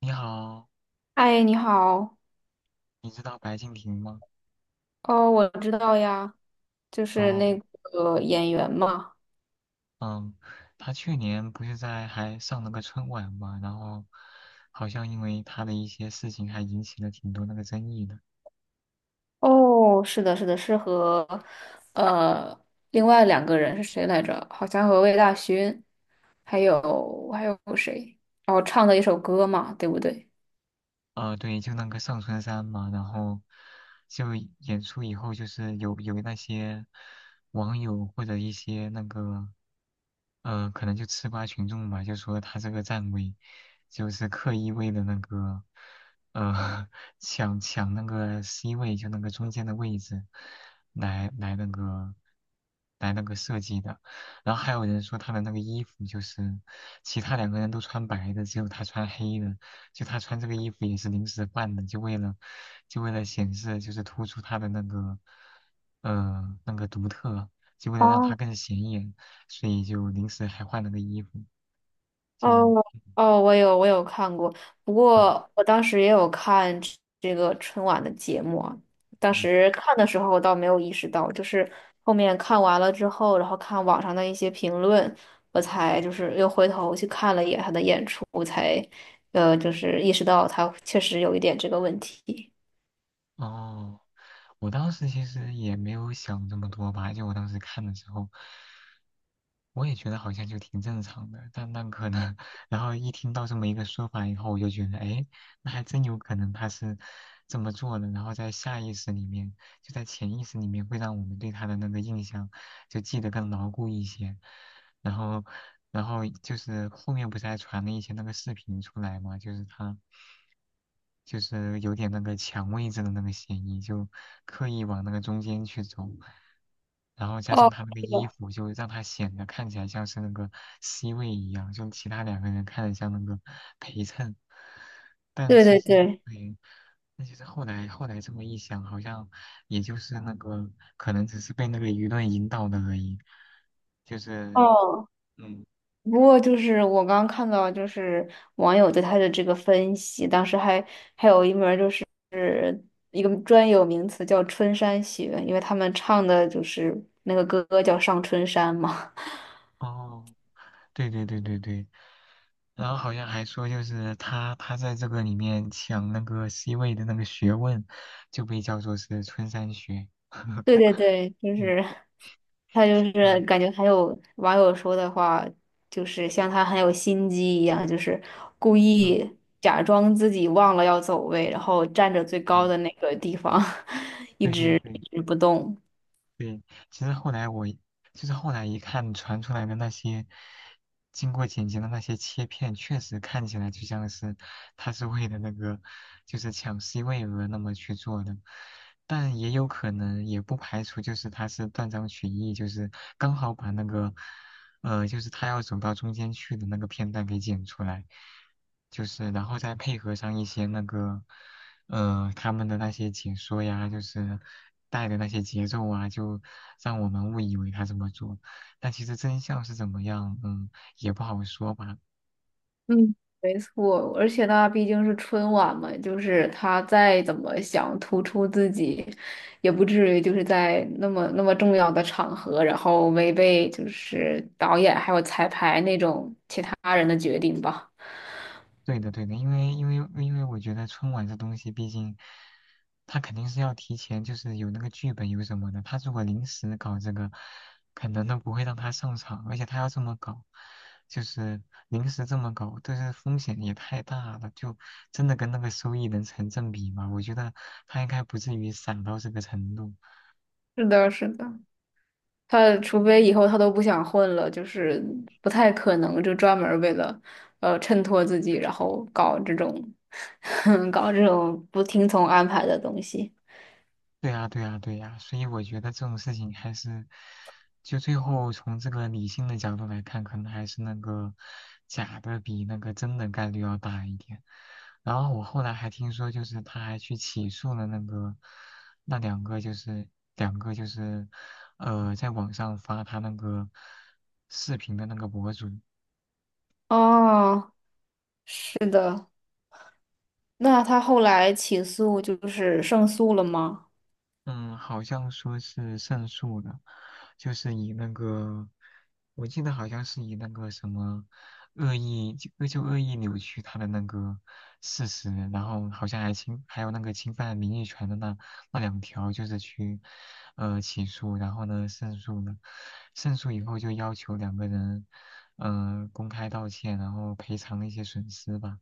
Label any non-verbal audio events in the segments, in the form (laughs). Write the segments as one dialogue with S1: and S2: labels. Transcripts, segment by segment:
S1: 你好。
S2: 嗨，你好。
S1: 你知道白敬亭吗？
S2: 哦，我知道呀，就是那
S1: 哦。
S2: 个演员嘛。
S1: 嗯，他去年不是在还上了个春晚嘛，然后好像因为他的一些事情还引起了挺多那个争议的。
S2: 哦，是的，是的，是和呃另外两个人是谁来着？好像和魏大勋，还有谁？哦，唱的一首歌嘛，对不对？
S1: 对，就那个上春山嘛，然后就演出以后，就是有那些网友或者一些那个，可能就吃瓜群众吧，就说他这个站位就是刻意为了那个，呃 (laughs)，抢那个 C 位，就那个中间的位置，来来那个来那个设计的。然后还有人说他的那个衣服就是其他两个人都穿白的，只有他穿黑的。就他穿这个衣服也是临时换的，就为了显示就是突出他的那个那个独特，就为了让
S2: 哦。
S1: 他更显眼，所以就临时还换了个衣服，
S2: 哦
S1: 就
S2: 哦，我有看过，不过我当时也有看这个春晚的节目啊。当
S1: 嗯，
S2: 时看的时候我倒没有意识到，就是后面看完了之后，然后看网上的一些评论，我才就是又回头去看了一眼他的演出，我才就是意识到他确实有一点这个问题。
S1: 哦，我当时其实也没有想这么多吧，就我当时看的时候。我也觉得好像就挺正常的，但那可能，(laughs) 然后一听到这么一个说法以后，我就觉得，哎，那还真有可能他是这么做的，然后在下意识里面，就在潜意识里面，会让我们对他的那个印象就记得更牢固一些。然后，然后就是后面不是还传了一些那个视频出来嘛，就是他就是有点那个抢位置的那个嫌疑，就刻意往那个中间去走，然后加
S2: 哦，
S1: 上他那个
S2: 是
S1: 衣
S2: 的，
S1: 服，就让他显得看起来像是那个 C 位一样，就其他两个人看着像那个陪衬，但
S2: 对
S1: 其
S2: 对
S1: 实，
S2: 对。
S1: 对，那其实后来这么一想，好像也就是那个可能只是被那个舆论引导的而已，就是
S2: 哦，
S1: 嗯
S2: 不过就是我刚看到，就是网友对他的这个分析，当时还还有一门儿就是。一个专有名词叫春山雪，因为他们唱的就是那个歌叫《上春山》嘛。(laughs)
S1: 哦，对对对对对。然后好像还说，就是他在这个里面抢那个 C 位的那个学问，就被叫做是春山学。
S2: 对
S1: (laughs)
S2: 对对，就
S1: 嗯
S2: 是他就是
S1: 嗯
S2: 感觉还有网友说的话，就是像他很有心机一样，就是故意假装自己忘了要走位，然后站着最高
S1: 嗯，
S2: 的那个地方 (laughs) 一
S1: 对对
S2: 直
S1: 对对，
S2: 一直不动。
S1: 对，其实后来我就是后来一看传出来的那些经过剪辑的那些切片，确实看起来就像是他是为了那个就是抢 C 位而那么去做的，但也有可能也不排除就是他是断章取义，就是刚好把那个就是他要走到中间去的那个片段给剪出来，就是然后再配合上一些那个。他们的那些解说呀，就是带的那些节奏啊，就让我们误以为他这么做。但其实真相是怎么样，也不好说吧。
S2: 嗯，没错，而且那毕竟是春晚嘛，就是他再怎么想突出自己，也不至于就是在那么重要的场合，然后违背就是导演还有彩排那种其他人的决定吧。
S1: 对的，对的，因为我觉得春晚这东西，毕竟他肯定是要提前，就是有那个剧本有什么的。他如果临时搞这个，可能都不会让他上场，而且他要这么搞，就是临时这么搞，但是风险也太大了，就真的跟那个收益能成正比吗？我觉得他应该不至于散到这个程度。
S2: 是的，是的，他除非以后他都不想混了，就是不太可能就专门儿为了衬托自己，然后搞这种 (laughs) 搞这种不听从安排的东西。
S1: 对呀，对呀，对呀，所以我觉得这种事情还是，就最后从这个理性的角度来看，可能还是那个假的比那个真的概率要大一点。然后我后来还听说，就是他还去起诉了那个那两个，就是两个就是在网上发他那个视频的那个博主。
S2: 哦，是的。那他后来起诉就是胜诉了吗？
S1: 嗯，好像说是胜诉的，就是以那个，我记得好像是以那个什么恶意，就恶意扭曲他的那个事实，然后好像还有那个侵犯名誉权的那两条，就是去起诉，然后呢胜诉呢，胜诉以后就要求两个人公开道歉，然后赔偿一些损失吧，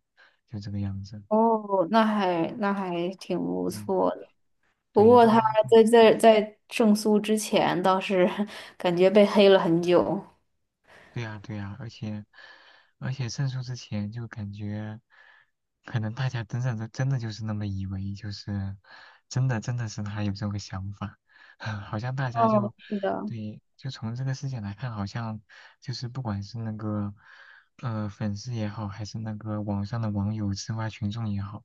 S1: 就这个样子。
S2: 哦，那还那还挺不
S1: 嗯，
S2: 错的。不
S1: 对，
S2: 过
S1: 如果
S2: 他
S1: 要这么。
S2: 在胜诉之前倒是 (laughs) 感觉被黑了很久。
S1: 对呀，对呀，而且胜诉之前就感觉，可能大家真的真的就是那么以为，就是真的真的是他有这个想法，(laughs) 好像大家
S2: 哦，
S1: 就，
S2: 是的。
S1: 对，就从这个事件来看，好像就是不管是那个粉丝也好，还是那个网上的网友、吃瓜群众也好，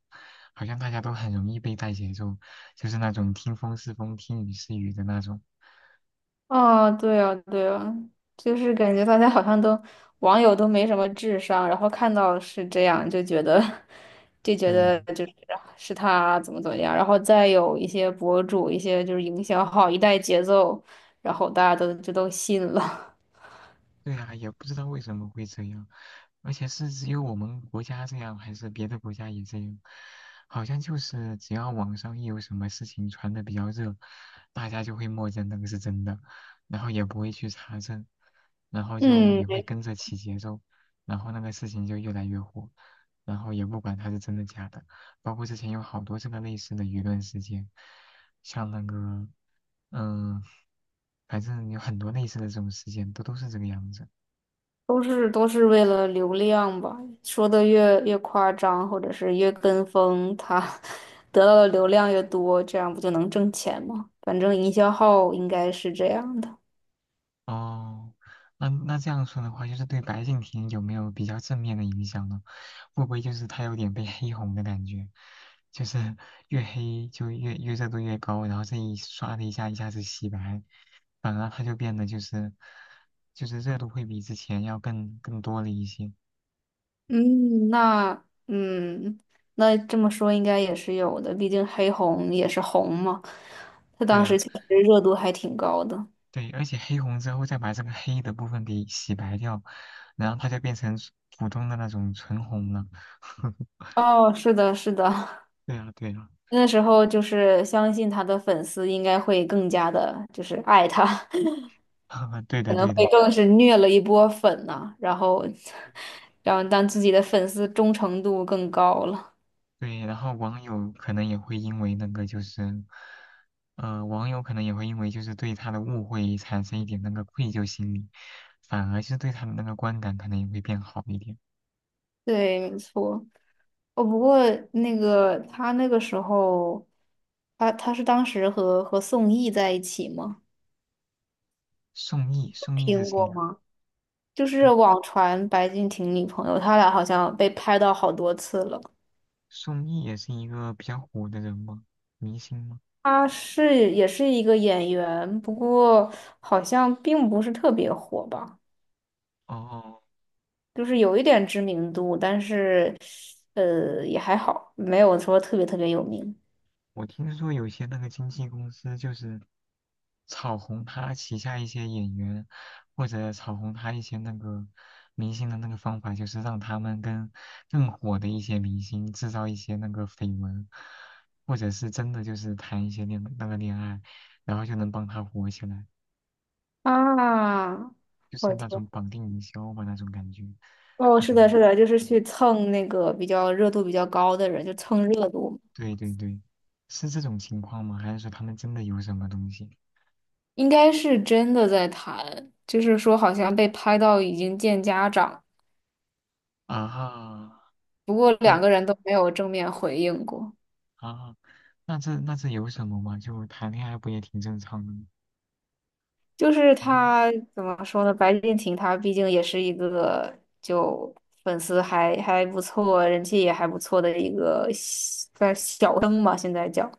S1: 好像大家都很容易被带节奏，就是那种听风是风，听雨是雨的那种。
S2: 哦，对啊，对啊，就是感觉大家好像都网友都没什么智商，然后看到是这样就觉得 (laughs) 就觉得
S1: 对，
S2: 就是是他怎么怎么样，然后再有一些博主、一些就是营销号一带节奏，然后大家都就都信了
S1: 对啊，也不知道为什么会这样，而且是只有我们国家这样，还是别的国家也这样？好像就是只要网上一有什么事情传的比较热，大家就会默认那个是真的，然后也不会去查证，然后就
S2: (laughs)。嗯，
S1: 也会
S2: 对，
S1: 跟着起节奏，然后那个事情就越来越火，然后也不管它是真的假的。包括之前有好多这个类似的舆论事件，像那个嗯，反正有很多类似的这种事件，都是这个样子。
S2: 都是都是为了流量吧，说的越夸张，或者是越跟风，他 (laughs) 得到的流量越多，这样不就能挣钱吗？反正营销号应该是这样的。
S1: 哦，那这样说的话，就是对白敬亭有没有比较正面的影响呢？会不会就是他有点被黑红的感觉？就是越黑就越热度越高，然后这一刷的一下一下子洗白，反而他就变得就是热度会比之前要更多了一些。
S2: 嗯，那嗯，那这么说应该也是有的，毕竟黑红也是红嘛，他
S1: 对
S2: 当时
S1: 呀，
S2: 其实热度还挺高的。
S1: 对，而且黑红之后再把这个黑的部分给洗白掉，然后他就变成普通的那种纯红了。(laughs)
S2: 哦，是的，是的，(laughs)
S1: 对呀，对呀，
S2: 那时候就是相信他的粉丝应该会更加的，就是爱他，(laughs)
S1: (laughs) 对
S2: 可
S1: 的，
S2: 能
S1: 对
S2: 会
S1: 的。
S2: 更是虐了一波粉呐、然后，(laughs) 然后让自己的粉丝忠诚度更高了。
S1: 对，然后网友可能也会因为那个就是，网友可能也会因为就是对他的误会产生一点那个愧疚心理，反而是对他的那个观感可能也会变好一点。
S2: 对，没错。哦，不过那个他那个时候，他他是当时和和宋轶在一起吗？
S1: 宋轶，宋轶是
S2: 听
S1: 谁
S2: 过
S1: 呀，
S2: 吗？就是
S1: 啊，
S2: 网传白敬亭女朋友，他俩好像被拍到好多次了。
S1: 宋轶也是一个比较火的人吗？明星吗？
S2: 他是也是一个演员，不过好像并不是特别火吧，
S1: 哦哦，
S2: 就是有一点知名度，但是也还好，没有说特别有名
S1: 我听说有些那个经纪公司就是炒红他旗下一些演员，或者炒红他一些那个明星的那个方法，就是让他们跟更火的一些明星制造一些那个绯闻，或者是真的就是谈一些那个恋爱，然后就能帮他火起来，
S2: 啊。
S1: 就是
S2: 我
S1: 那种
S2: 天。
S1: 绑定营销吧那种感觉，
S2: 哦，
S1: 就是
S2: 是
S1: 那
S2: 的，是
S1: 种
S2: 的，就是
S1: 嗯
S2: 去蹭那个比较热度比较高的人，就蹭热度
S1: 对对对，是这种情况吗？还是说他们真的有什么东西
S2: 应该是真的在谈，就是说好像被拍到已经见家长，
S1: 啊？
S2: 不过两
S1: 那。
S2: 个人都没有正面回应过。
S1: 啊，那这有什么嘛？就谈恋爱不也挺正常的吗？
S2: 就是
S1: 那
S2: 他怎么说呢？白敬亭他毕竟也是一个就粉丝还不错，人气也还不错的一个小算小生嘛，现在叫。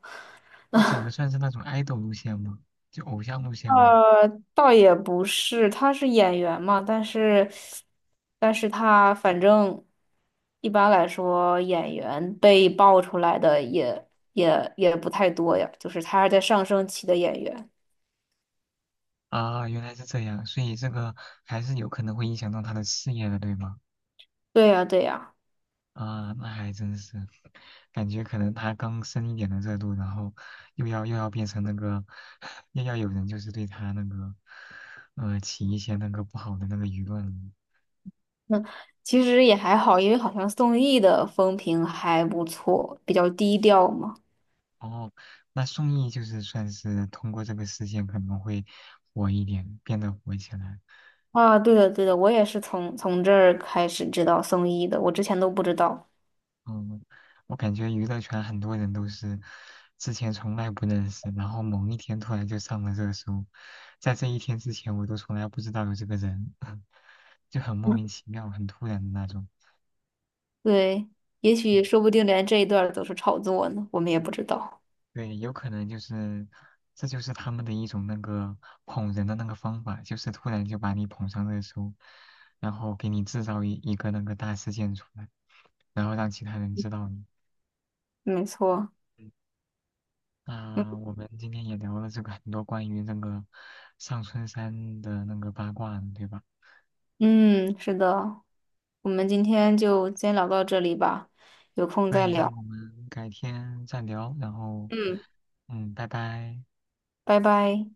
S1: 他走的算是那种 idol 路线吗？就偶像路线吗？
S2: 呃，倒也不是，他是演员嘛，但是，但是他反正一般来说，演员被爆出来的也不太多呀，就是他是在上升期的演员。
S1: 啊，原来是这样，所以这个还是有可能会影响到他的事业的，对吗？
S2: 对呀，对呀，
S1: 啊，那还真是，感觉可能他刚升一点的热度，然后又要变成那个，(laughs) 又要有人就是对他那个，起一些那个不好的那个舆论了。
S2: 那其实也还好，因为好像宋轶的风评还不错，比较低调嘛。
S1: 哦，那宋轶就是算是通过这个事件可能会火一点，变得火起来。
S2: 啊，对的，对的，我也是从这儿开始知道宋轶的，我之前都不知道。
S1: 嗯，我感觉娱乐圈很多人都是之前从来不认识，然后某一天突然就上了热搜，在这一天之前我都从来不知道有这个人，(laughs) 就很莫名其妙，很突然的那种。
S2: 对，也许说不定连这一段儿都是炒作呢，我们也不知道。
S1: 对，有可能就是，这就是他们的一种那个捧人的那个方法，就是突然就把你捧上热搜，然后给你制造一个那个大事件出来，然后让其他人知道你。
S2: 没错，
S1: 嗯，
S2: 嗯
S1: 那我们今天也聊了这个很多关于那个上春山的那个八卦呢对吧？
S2: 嗯，是的，我们今天就先聊到这里吧，有空
S1: 所
S2: 再
S1: 以那
S2: 聊。
S1: 我们改天再聊，然后，
S2: 嗯，
S1: 拜拜。
S2: 拜拜。